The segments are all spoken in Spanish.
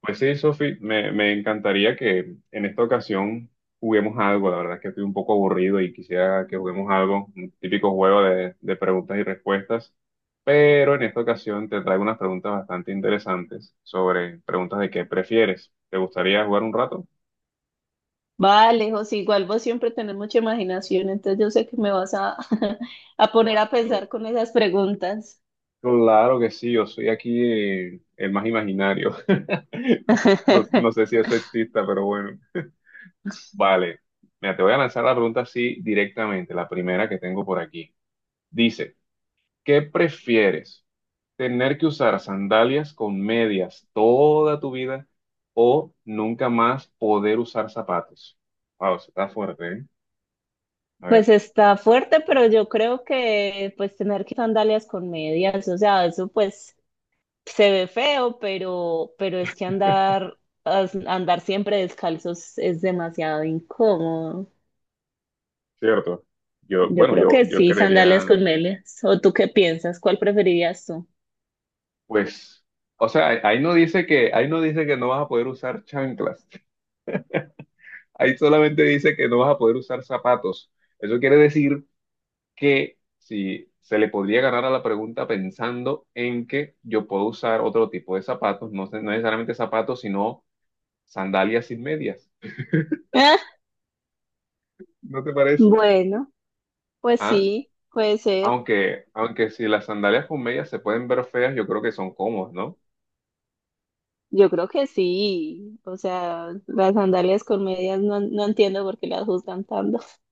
Pues sí, Sofi, me encantaría que en esta ocasión juguemos algo. La verdad es que estoy un poco aburrido y quisiera que juguemos algo, un típico juego de preguntas y respuestas. Pero en esta ocasión te traigo unas preguntas bastante interesantes sobre preguntas de qué prefieres. ¿Te gustaría jugar un rato? Vale, José, igual vos siempre tenés mucha imaginación, entonces yo sé que me vas a, a poner a Claro. pensar con esas preguntas. Claro que sí, yo soy aquí el más imaginario. No, no sé si eso exista, pero bueno. Vale. Mira, te voy a lanzar la pregunta así directamente, la primera que tengo por aquí. Dice, ¿qué prefieres? ¿Tener que usar sandalias con medias toda tu vida o nunca más poder usar zapatos? Wow, eso está fuerte, ¿eh? A Pues ver, está fuerte, pero yo creo que pues tener que sandalias con medias, o sea, eso pues se ve feo, pero es que andar, andar siempre descalzos es demasiado incómodo. cierto. Yo, Yo bueno, creo yo, que yo sí, creería, sandalias con medias. ¿O tú qué piensas? ¿Cuál preferirías tú? pues, o sea, ahí no dice que, ahí no dice que no vas a poder usar chanclas. Ahí solamente dice que no vas a poder usar zapatos. Eso quiere decir que si se le podría agarrar a la pregunta pensando en que yo puedo usar otro tipo de zapatos, no, no necesariamente zapatos, sino sandalias sin medias. ¿No te parece? Bueno, pues Ah, sí, puede ser. aunque si las sandalias con medias se pueden ver feas, yo creo que son cómodas, ¿no? Yo creo que sí, o sea, las sandalias con medias no entiendo por qué las juzgan tanto.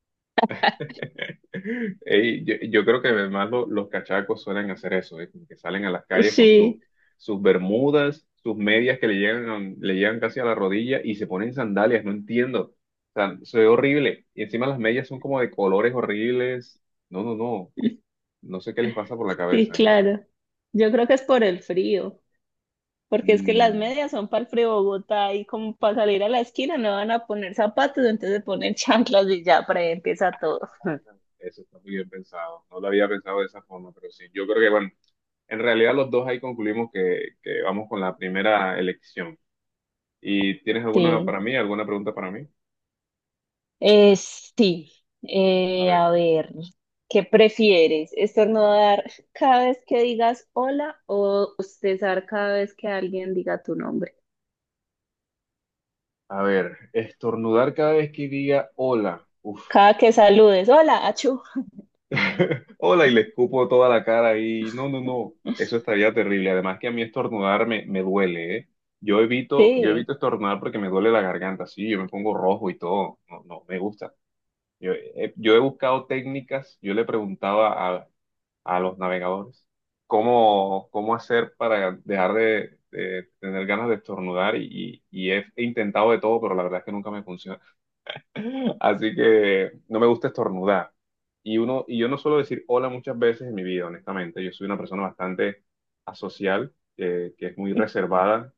Ey, yo creo que además los cachacos suelen hacer eso, ¿eh? Como que salen a las calles con Sí, sus bermudas, sus medias que le llegan casi a la rodilla y se ponen sandalias, no entiendo. O sea, se ve horrible. Y encima las medias son como de colores horribles. No, no, no. No sé qué les pasa por la sí, cabeza, ¿eh? claro. Yo creo que es por el frío, porque es que las Mm, medias son para el frío de Bogotá y como para salir a la esquina no van a poner zapatos, entonces ponen chanclas y ya, para ahí empieza todo. eso está muy bien pensado. No lo había pensado de esa forma, pero sí. Yo creo que, bueno, en realidad los dos ahí concluimos que vamos con la primera elección. ¿Y tienes alguna Sí, para mí, alguna pregunta para mí? Sí, A ver, a ver, ¿qué prefieres? ¿Estornudar cada vez que digas hola o bostezar cada vez que alguien diga tu nombre? a ver, estornudar cada vez que diga hola. Uf, Cada que saludes, hola, achú. hola y le escupo toda la cara y no, no, no, eso estaría terrible. Además que a mí estornudar me duele, ¿eh? Yo evito Sí, estornudar porque me duele la garganta, sí, yo me pongo rojo y todo. No, no, me gusta. Yo, yo he buscado técnicas, yo le preguntaba a los navegadores cómo, cómo hacer para dejar de tener ganas de estornudar y, y he intentado de todo, pero la verdad es que nunca me funciona. Así que no me gusta estornudar. Y uno, y yo no suelo decir hola muchas veces en mi vida, honestamente. Yo soy una persona bastante asocial, que es muy reservada.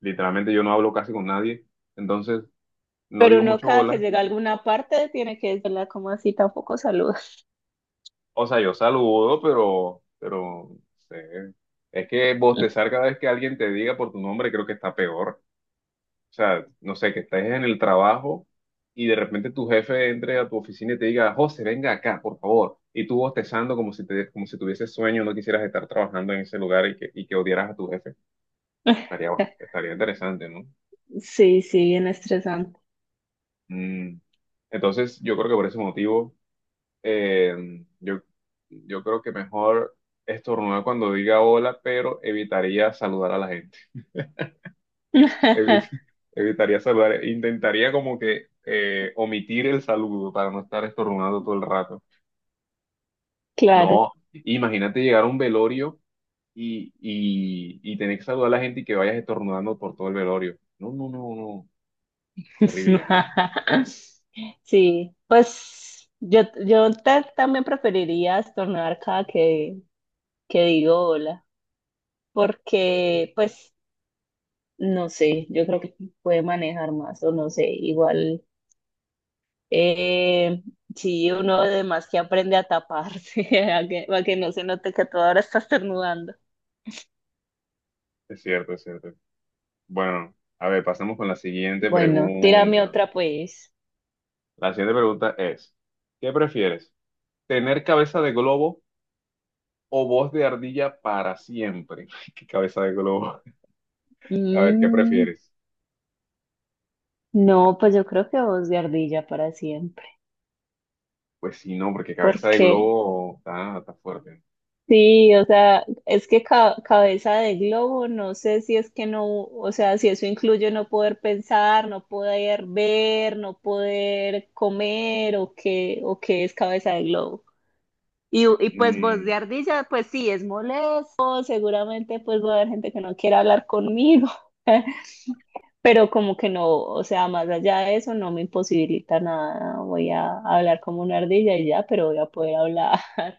Literalmente yo no hablo casi con nadie. Entonces, no pero digo uno mucho cada que hola. llega a alguna parte tiene que decirla como así, tampoco saludas. O sea, yo saludo, pero no sé. Es que bostezar cada vez que alguien te diga por tu nombre creo que está peor. O sea, no sé, que estés en el trabajo y de repente tu jefe entre a tu oficina y te diga, José, venga acá, por favor. Y tú bostezando como si te, como si tuvieses sueño, no quisieras estar trabajando en ese lugar y que odiaras a tu jefe. Estaría, bueno, estaría interesante, ¿no? Sí, sí, bien estresante. Mm. Entonces, yo creo que por ese motivo, eh, yo, yo creo que mejor estornudar cuando diga hola, pero evitaría saludar a la gente. Evit- Evitaría saludar, intentaría como que omitir el saludo para no estar estornudando todo el rato. Claro. No, imagínate llegar a un velorio y tener que saludar a la gente y que vayas estornudando por todo el velorio. No, no, no, no, terrible, ¿no? Sí, pues yo ta- también preferiría estornudar cada que digo hola, porque pues no sé, yo creo que puede manejar más o no sé, igual. Eh, sí, uno además que aprende a taparse, a que no se note que tú ahora estás estornudando. Es cierto, es cierto. Bueno, a ver, pasemos con la siguiente Bueno, tírame pregunta. otra pues. La siguiente pregunta es, ¿qué prefieres? ¿Tener cabeza de globo o voz de ardilla para siempre? ¿Qué cabeza de globo? A ver, ¿qué Mm, prefieres? no, pues yo creo que voz de ardilla para siempre. Pues sí, no, porque cabeza de Porque globo está, está fuerte. sí, o sea, es que cabeza de globo, no sé si es que no, o sea, si eso incluye no poder pensar, no poder ver, no poder comer o qué es cabeza de globo. Y pues voz Mm, de ardilla, pues sí, es molesto, seguramente pues va a haber gente que no quiera hablar conmigo, pero como que no, o sea, más allá de eso no me imposibilita nada, voy a hablar como una ardilla y ya, pero voy a poder hablar.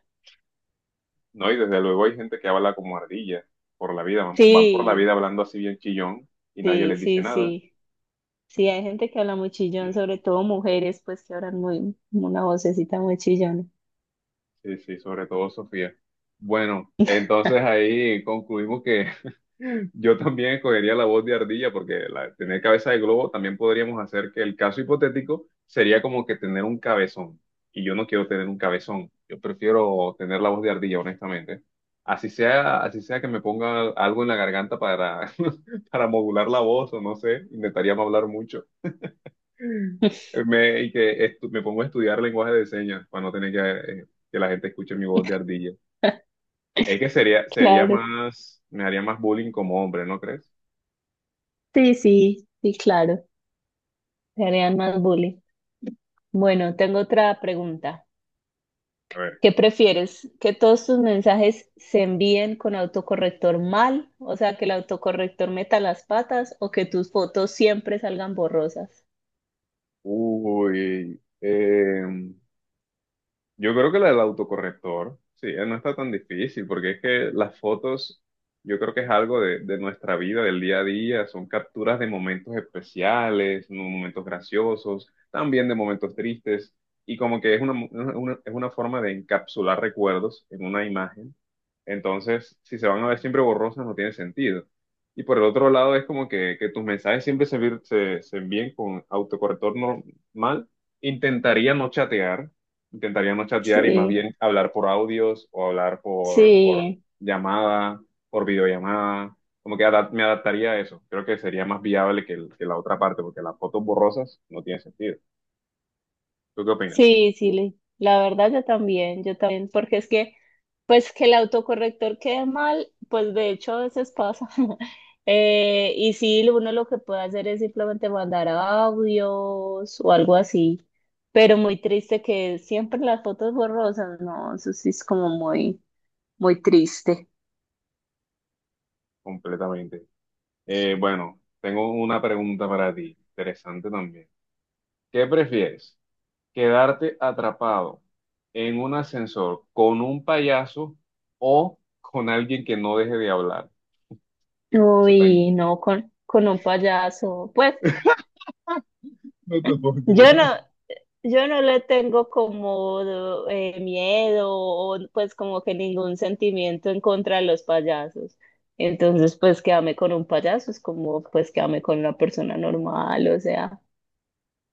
no, y desde luego hay gente que habla como ardilla por la vida, van, van por la Sí, vida hablando así bien chillón y nadie sí, les dice sí, nada. sí, sí, hay gente que habla muy chillón, sobre todo mujeres, pues que hablan muy, una vocecita muy chillona. Sí, sí, sobre todo Sofía. Bueno, entonces ahí concluimos que yo también escogería la voz de ardilla porque la, tener cabeza de globo también podríamos hacer que el caso hipotético sería como que tener un cabezón. Y yo no quiero tener un cabezón. Yo prefiero tener la voz de ardilla, honestamente. Así sea que me ponga algo en la garganta para, para modular la voz o no sé, intentaría no hablar mucho. Y me pongo a estudiar lenguaje de señas para no tener que la gente escuche mi voz de ardilla. Es que sería, sería Claro, más, me haría más bullying como hombre, ¿no crees? sí, sí, sí, claro, se harían más bullying. Bueno, tengo otra pregunta. A ver. ¿Qué prefieres? ¿Que todos tus mensajes se envíen con autocorrector mal? O sea, que el autocorrector meta las patas o que tus fotos siempre salgan borrosas. Uy, yo creo que la del autocorrector, sí, no está tan difícil, porque es que las fotos, yo creo que es algo de nuestra vida, del día a día, son capturas de momentos especiales, momentos graciosos, también de momentos tristes, y como que es una, es una forma de encapsular recuerdos en una imagen. Entonces, si se van a ver siempre borrosas, no tiene sentido. Y por el otro lado, es como que tus mensajes siempre se, se envíen con autocorrector normal. Intentaría no chatear Intentaría no chatear y más Sí, bien hablar por audios o hablar por sí. llamada, por videollamada. Como que me adaptaría a eso. Creo que sería más viable que, que la otra parte, porque las fotos borrosas no tienen sentido. ¿Tú qué opinas? Sí, sí, le- la verdad yo también, porque es que, pues que el autocorrector quede mal, pues de hecho a veces pasa. Y sí, uno lo que puede hacer es simplemente mandar audios o algo así, pero muy triste que siempre las fotos borrosas, no, eso sí es como muy, muy triste. Completamente. Bueno, tengo una pregunta para ti, interesante también. ¿Qué prefieres? ¿Quedarte atrapado en un ascensor con un payaso o con alguien que no deje de hablar? Eso está, Uy, no, con un payaso, pues no te puedo yo creer. no. Yo no le tengo como miedo o pues como que ningún sentimiento en contra de los payasos. Entonces, pues que con un payaso es como pues que con una persona normal, o sea.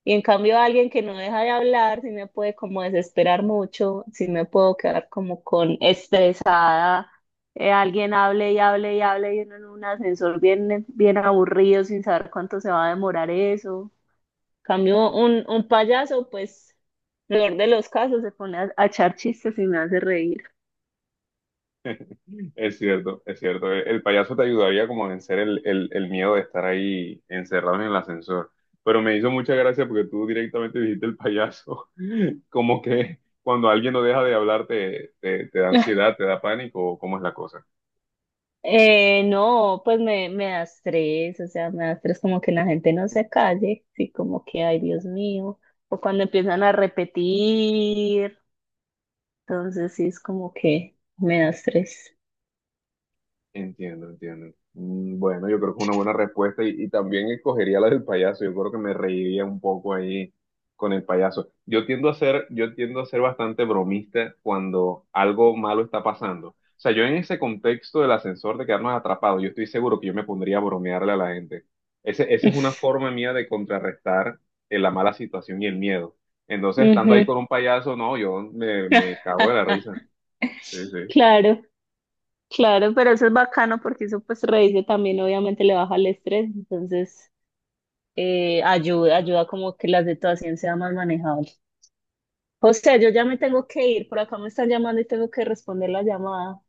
Y en cambio alguien que no deja de hablar, sí me puede como desesperar mucho, sí me puedo quedar como con estresada. Alguien hable y hable y hable y uno en un ascensor bien, bien aburrido sin saber cuánto se va a demorar eso. Cambio un payaso, pues, peor de los casos, se pone a echar chistes y me hace reír. Es cierto, es cierto. El payaso te ayudaría como a vencer el miedo de estar ahí encerrado en el ascensor. Pero me hizo mucha gracia porque tú directamente dijiste el payaso. Como que cuando alguien no deja de hablar te, te, te da ansiedad, te da pánico, ¿o ¿cómo es la cosa? No, pues me da estrés, o sea, me da estrés como que la gente no se calle, sí, como que, ay, Dios mío, o cuando empiezan a repetir, entonces sí es como que me da estrés. Entiendo, entiendo. Mm, bueno, yo creo que es una buena respuesta y también escogería la del payaso. Yo creo que me reiría un poco ahí con el payaso. Yo tiendo a ser, yo tiendo a ser bastante bromista cuando algo malo está pasando. O sea, yo en ese contexto del ascensor de quedarnos atrapados, yo estoy seguro que yo me pondría a bromearle a la gente. Ese, esa es una forma mía de contrarrestar la mala situación y el miedo. Entonces, estando ahí Ujú. con un payaso, no, me cago de la risa. Sí, sí. Claro, claro, pero eso es bacano porque eso pues reírse también obviamente le baja el estrés, entonces ayuda, ayuda como que la situación sea más manejable. José, yo ya me tengo que ir, por acá me están llamando y tengo que responder la llamada.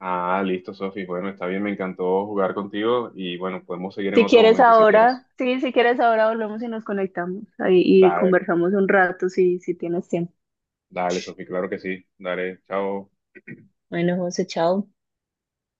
Ah, listo, Sofi. Bueno, está bien, me encantó jugar contigo y bueno, podemos seguir en Si otro quieres momento si quieres. ahora, sí, si quieres ahora volvemos y nos conectamos ahí y Dale, conversamos un rato si, si tienes tiempo. dale, Sofi, claro que sí. Dale, chao. Bueno, José, chao.